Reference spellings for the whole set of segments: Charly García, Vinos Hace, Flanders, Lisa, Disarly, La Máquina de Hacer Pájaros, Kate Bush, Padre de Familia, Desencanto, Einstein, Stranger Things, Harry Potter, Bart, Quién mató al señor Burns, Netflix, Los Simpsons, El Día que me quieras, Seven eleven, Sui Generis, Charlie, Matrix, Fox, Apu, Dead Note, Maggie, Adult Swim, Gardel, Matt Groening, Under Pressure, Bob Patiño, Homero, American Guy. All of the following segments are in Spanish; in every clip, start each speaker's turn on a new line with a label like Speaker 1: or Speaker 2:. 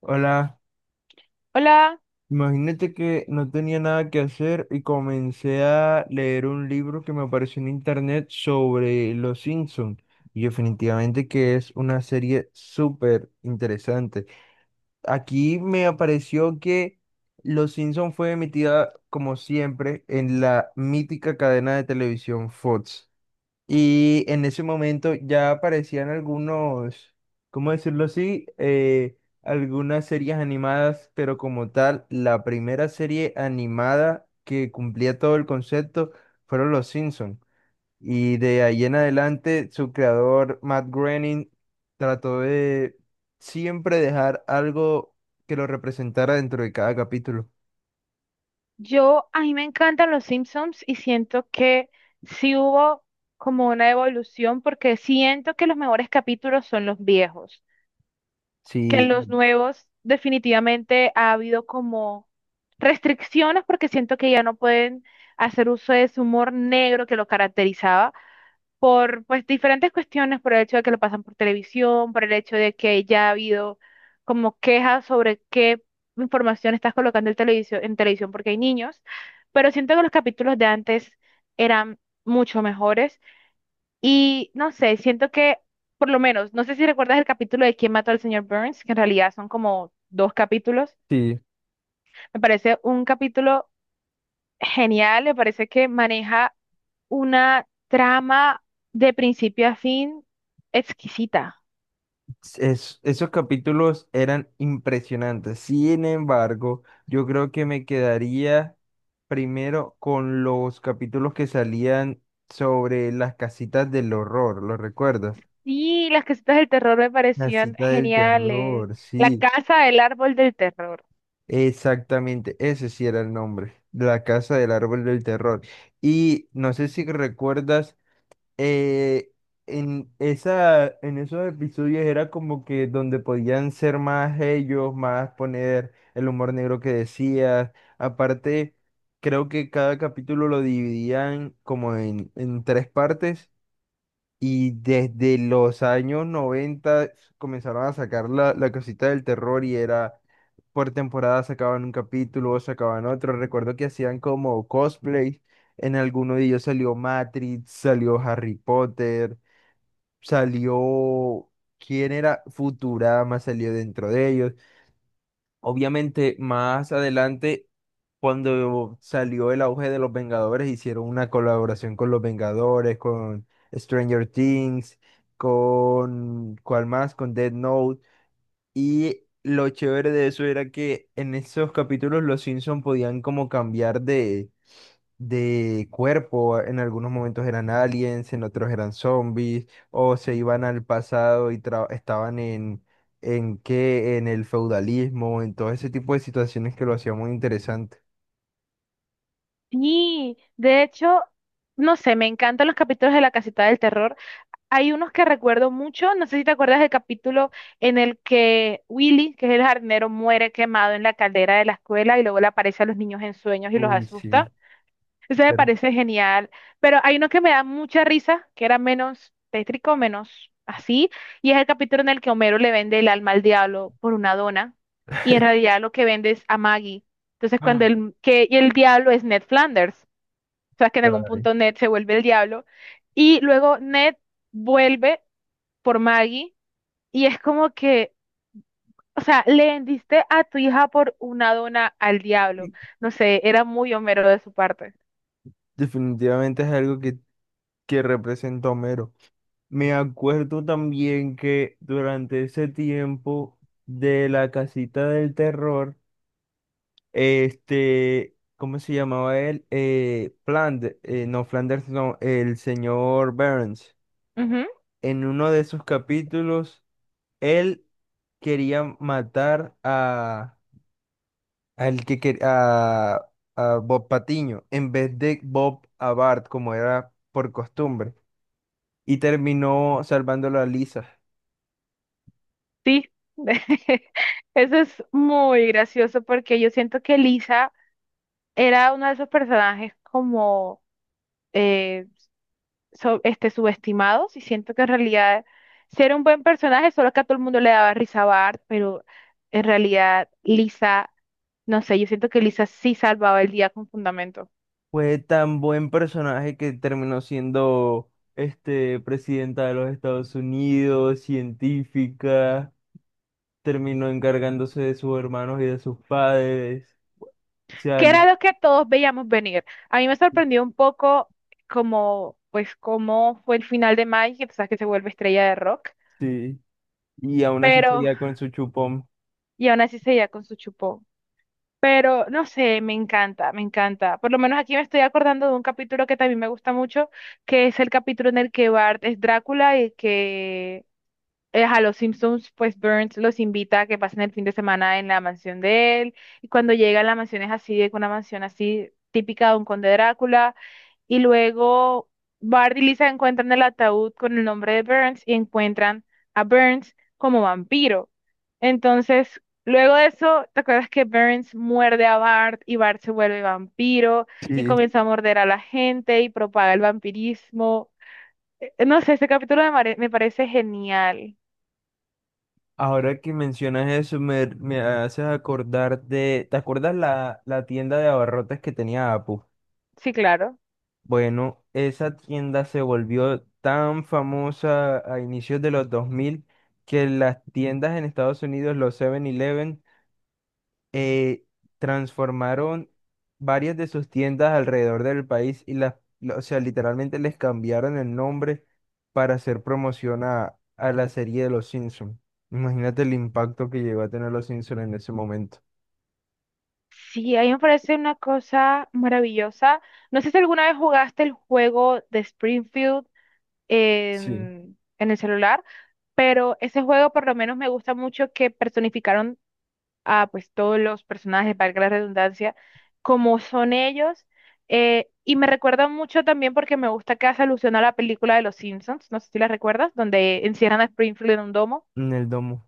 Speaker 1: Hola,
Speaker 2: Hola,
Speaker 1: imagínate que no tenía nada que hacer y comencé a leer un libro que me apareció en internet sobre Los Simpsons y definitivamente que es una serie súper interesante. Aquí me apareció que Los Simpson fue emitida como siempre en la mítica cadena de televisión Fox. Y en ese momento ya aparecían algunos, ¿cómo decirlo así? Algunas series animadas, pero como tal, la primera serie animada que cumplía todo el concepto fueron Los Simpsons. Y de ahí en adelante, su creador, Matt Groening, trató de siempre dejar algo que lo representara dentro de cada capítulo.
Speaker 2: yo a mí me encantan los Simpsons y siento que sí hubo como una evolución porque siento que los mejores capítulos son los viejos, que
Speaker 1: Sí,
Speaker 2: en los nuevos definitivamente ha habido como restricciones porque siento que ya no pueden hacer uso de ese humor negro que lo caracterizaba por pues diferentes cuestiones, por el hecho de que lo pasan por televisión, por el hecho de que ya ha habido como quejas sobre qué información estás colocando en televisión porque hay niños, pero siento que los capítulos de antes eran mucho mejores y no sé, siento que por lo menos, no sé si recuerdas el capítulo de ¿Quién mató al señor Burns?, que en realidad son como dos capítulos,
Speaker 1: sí.
Speaker 2: me parece un capítulo genial, me parece que maneja una trama de principio a fin exquisita.
Speaker 1: Esos capítulos eran impresionantes. Sin embargo, yo creo que me quedaría primero con los capítulos que salían sobre las casitas del horror, ¿lo recuerdas?
Speaker 2: Sí, las casitas del terror me
Speaker 1: La
Speaker 2: parecían
Speaker 1: cita del
Speaker 2: geniales.
Speaker 1: terror,
Speaker 2: La
Speaker 1: sí,
Speaker 2: casa del árbol del terror.
Speaker 1: exactamente, ese sí era el nombre, la casa del árbol del terror. Y no sé si recuerdas eh, en esos episodios era como que donde podían ser más ellos, más poner el humor negro que decías. Aparte, creo que cada capítulo lo dividían como en tres partes y desde los años 90 comenzaron a sacar la cosita del terror y era por temporada sacaban un capítulo, sacaban otro. Recuerdo que hacían como cosplay. En alguno de ellos salió Matrix, salió Harry Potter, salió. ¿Quién era? Futurama salió dentro de ellos. Obviamente, más adelante, cuando salió el auge de los Vengadores, hicieron una colaboración con los Vengadores, con Stranger Things, con. ¿Cuál más? Con Dead Note. Y lo chévere de eso era que en esos capítulos los Simpson podían como cambiar de cuerpo. En algunos momentos eran aliens, en otros eran zombies, o se iban al pasado y estaban en el feudalismo, en todo ese tipo de situaciones que lo hacía muy interesante.
Speaker 2: Sí, de hecho, no sé, me encantan los capítulos de la casita del terror. Hay unos que recuerdo mucho, no sé si te acuerdas del capítulo en el que Willy, que es el jardinero, muere quemado en la caldera de la escuela y luego le aparece a los niños en sueños y los
Speaker 1: Uy, sí.
Speaker 2: asusta. Ese me
Speaker 1: pero-
Speaker 2: parece genial, pero hay uno que me da mucha risa, que era menos tétrico, menos así, y es el capítulo en el que Homero le vende el alma al diablo por una dona, y en realidad lo que vende es a Maggie. Entonces, cuando el, que, y el diablo es Ned Flanders, o sea, que en algún
Speaker 1: Ay,
Speaker 2: punto Ned se vuelve el diablo, y luego Ned vuelve por Maggie, y es como que, o sea, le vendiste a tu hija por una dona al diablo. No sé, era muy Homero de su parte.
Speaker 1: definitivamente es algo que representa a Homero. Me acuerdo también que durante ese tiempo de la casita del terror, ¿cómo se llamaba él? Flanders, no, el señor Burns. En uno de esos capítulos, él quería matar a, al que quer- a Bob Patiño en vez de Bob a Bart, como era por costumbre, y terminó salvándolo a Lisa.
Speaker 2: Sí, eso es muy gracioso porque yo siento que Lisa era uno de esos personajes como eh, subestimados, y siento que en realidad sí era un buen personaje, solo que a todo el mundo le daba risa a Bart, pero en realidad Lisa, no sé, yo siento que Lisa sí salvaba el día con fundamento,
Speaker 1: Fue tan buen personaje que terminó siendo este, presidenta de los Estados Unidos, científica, terminó encargándose de sus hermanos y de sus padres.
Speaker 2: que
Speaker 1: Chale,
Speaker 2: era lo que todos veíamos venir. A mí me sorprendió un poco como, pues, cómo fue el final de Mike, que tú sabes que se vuelve estrella de rock.
Speaker 1: sí. Y aún así
Speaker 2: Pero
Speaker 1: seguía con su chupón.
Speaker 2: y aún así seguía con su chupón. Pero no sé, me encanta, me encanta. Por lo menos aquí me estoy acordando de un capítulo que también me gusta mucho, que es el capítulo en el que Bart es Drácula y que a los Simpsons, pues Burns los invita a que pasen el fin de semana en la mansión de él. Y cuando llegan, la mansión es así, es una mansión así típica de un conde Drácula, y luego Bart y Lisa encuentran el ataúd con el nombre de Burns y encuentran a Burns como vampiro. Entonces, luego de eso, ¿te acuerdas que Burns muerde a Bart y Bart se vuelve vampiro y
Speaker 1: Sí.
Speaker 2: comienza a morder a la gente y propaga el vampirismo? No sé, este capítulo me parece genial.
Speaker 1: Ahora que mencionas eso, me haces acordar de. ¿Te acuerdas la tienda de abarrotes que tenía Apu?
Speaker 2: Sí, claro.
Speaker 1: Bueno, esa tienda se volvió tan famosa a inicios de los 2000 que las tiendas en Estados Unidos, los 7-Eleven eh, transformaron varias de sus tiendas alrededor del país y o sea, literalmente les cambiaron el nombre para hacer promoción a la serie de Los Simpsons. Imagínate el impacto que llegó a tener Los Simpsons en ese momento.
Speaker 2: Sí, a mí me parece una cosa maravillosa. No sé si alguna vez jugaste el juego de Springfield
Speaker 1: Sí,
Speaker 2: en el celular, pero ese juego por lo menos me gusta mucho que personificaron a pues todos los personajes, valga la redundancia, como son ellos. Y me recuerda mucho también porque me gusta que hace alusión a la película de Los Simpsons, no sé si la recuerdas, donde encierran a Springfield en un domo.
Speaker 1: en el domo.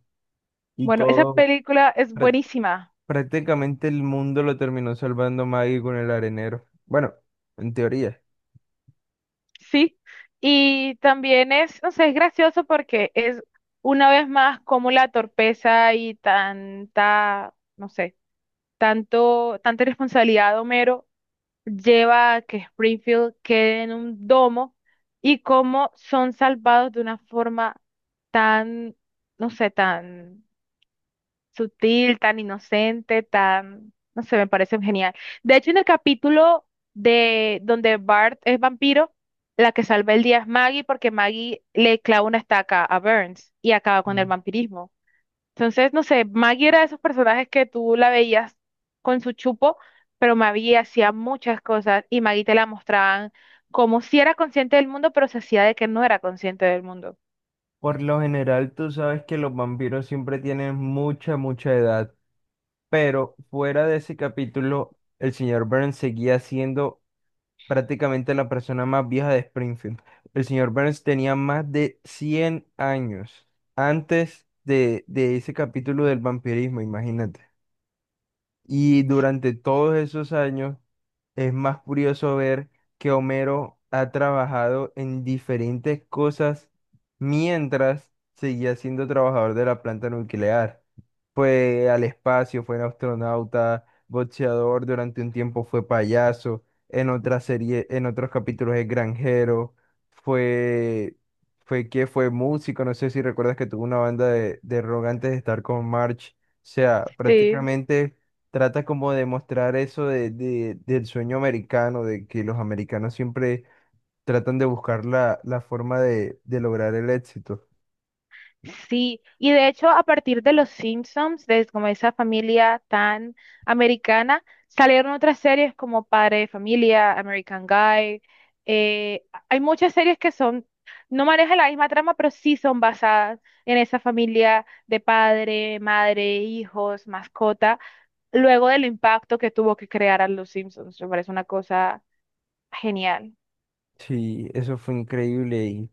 Speaker 1: Y
Speaker 2: Bueno, esa
Speaker 1: todo,
Speaker 2: película es buenísima,
Speaker 1: prácticamente el mundo lo terminó salvando Maggie con el arenero. Bueno, en teoría.
Speaker 2: sí. Y también es, no sé, es gracioso porque es una vez más como la torpeza y tanta, no sé tanto, tanta responsabilidad de Homero lleva a que Springfield quede en un domo, y cómo son salvados de una forma tan, no sé, tan sutil, tan inocente, tan, no sé, me parece genial. De hecho, en el capítulo de donde Bart es vampiro, la que salva el día es Maggie porque Maggie le clava una estaca a Burns y acaba con el
Speaker 1: Mm.
Speaker 2: vampirismo. Entonces, no sé, Maggie era de esos personajes que tú la veías con su chupo, pero Maggie hacía muchas cosas y Maggie te la mostraban como si era consciente del mundo, pero se hacía de que no era consciente del mundo.
Speaker 1: Por lo general, tú sabes que los vampiros siempre tienen mucha, mucha edad, pero fuera de ese capítulo, el señor Burns seguía siendo prácticamente la persona más vieja de Springfield. El señor Burns tenía más de 100 años antes de ese capítulo del vampirismo, imagínate. Y durante todos esos años es más curioso ver que Homero ha trabajado en diferentes cosas mientras seguía siendo trabajador de la planta nuclear. Fue al espacio, fue astronauta, boxeador, durante un tiempo fue payaso, en otra serie, en otros capítulos es granjero, fue, fue músico, no sé si recuerdas que tuvo una banda de rock antes de estar con March. O sea,
Speaker 2: Sí.
Speaker 1: prácticamente trata como de mostrar eso del sueño americano, de que los americanos siempre tratan de buscar la forma de lograr el éxito.
Speaker 2: Sí, y de hecho a partir de Los Simpsons, de como esa familia tan americana, salieron otras series como Padre de Familia, American Guy. eh, Hay muchas series que son, no manejan la misma trama, pero sí son basadas en esa familia de padre, madre, hijos, mascota, luego del impacto que tuvo que crear a Los Simpsons. Me parece una cosa genial.
Speaker 1: Sí, eso fue increíble. Y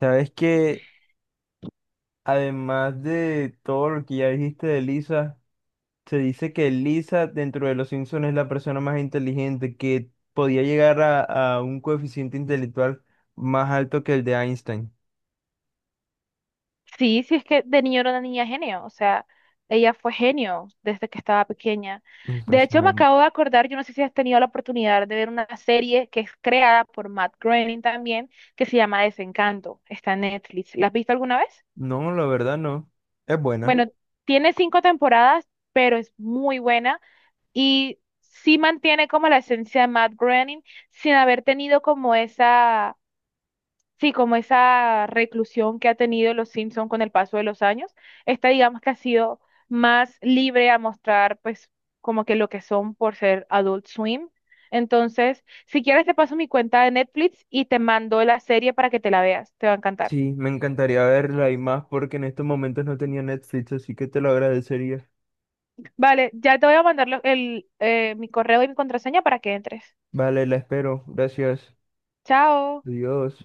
Speaker 1: sabes que además de todo lo que ya dijiste de Lisa, se dice que Lisa dentro de los Simpsons es la persona más inteligente, que podía llegar a, un coeficiente intelectual más alto que el de Einstein.
Speaker 2: Sí, sí es que de niño era una niña genio, o sea, ella fue genio desde que estaba pequeña. De hecho, me
Speaker 1: Impresionante.
Speaker 2: acabo de acordar, yo no sé si has tenido la oportunidad de ver una serie que es creada por Matt Groening también, que se llama Desencanto, está en Netflix. ¿La has visto alguna vez?
Speaker 1: No, la verdad no. Es buena.
Speaker 2: Bueno, tiene 5 temporadas, pero es muy buena y sí mantiene como la esencia de Matt Groening sin haber tenido como esa, sí, como esa reclusión que ha tenido los Simpson con el paso de los años. Esta digamos que ha sido más libre a mostrar pues como que lo que son por ser Adult Swim. Entonces, si quieres te paso mi cuenta de Netflix y te mando la serie para que te la veas, te va a encantar.
Speaker 1: Sí, me encantaría verla y más porque en estos momentos no tenía Netflix, así que te lo agradecería.
Speaker 2: Vale, ya te voy a mandar mi correo y mi contraseña para que entres.
Speaker 1: Vale, la espero. Gracias.
Speaker 2: Chao.
Speaker 1: Adiós.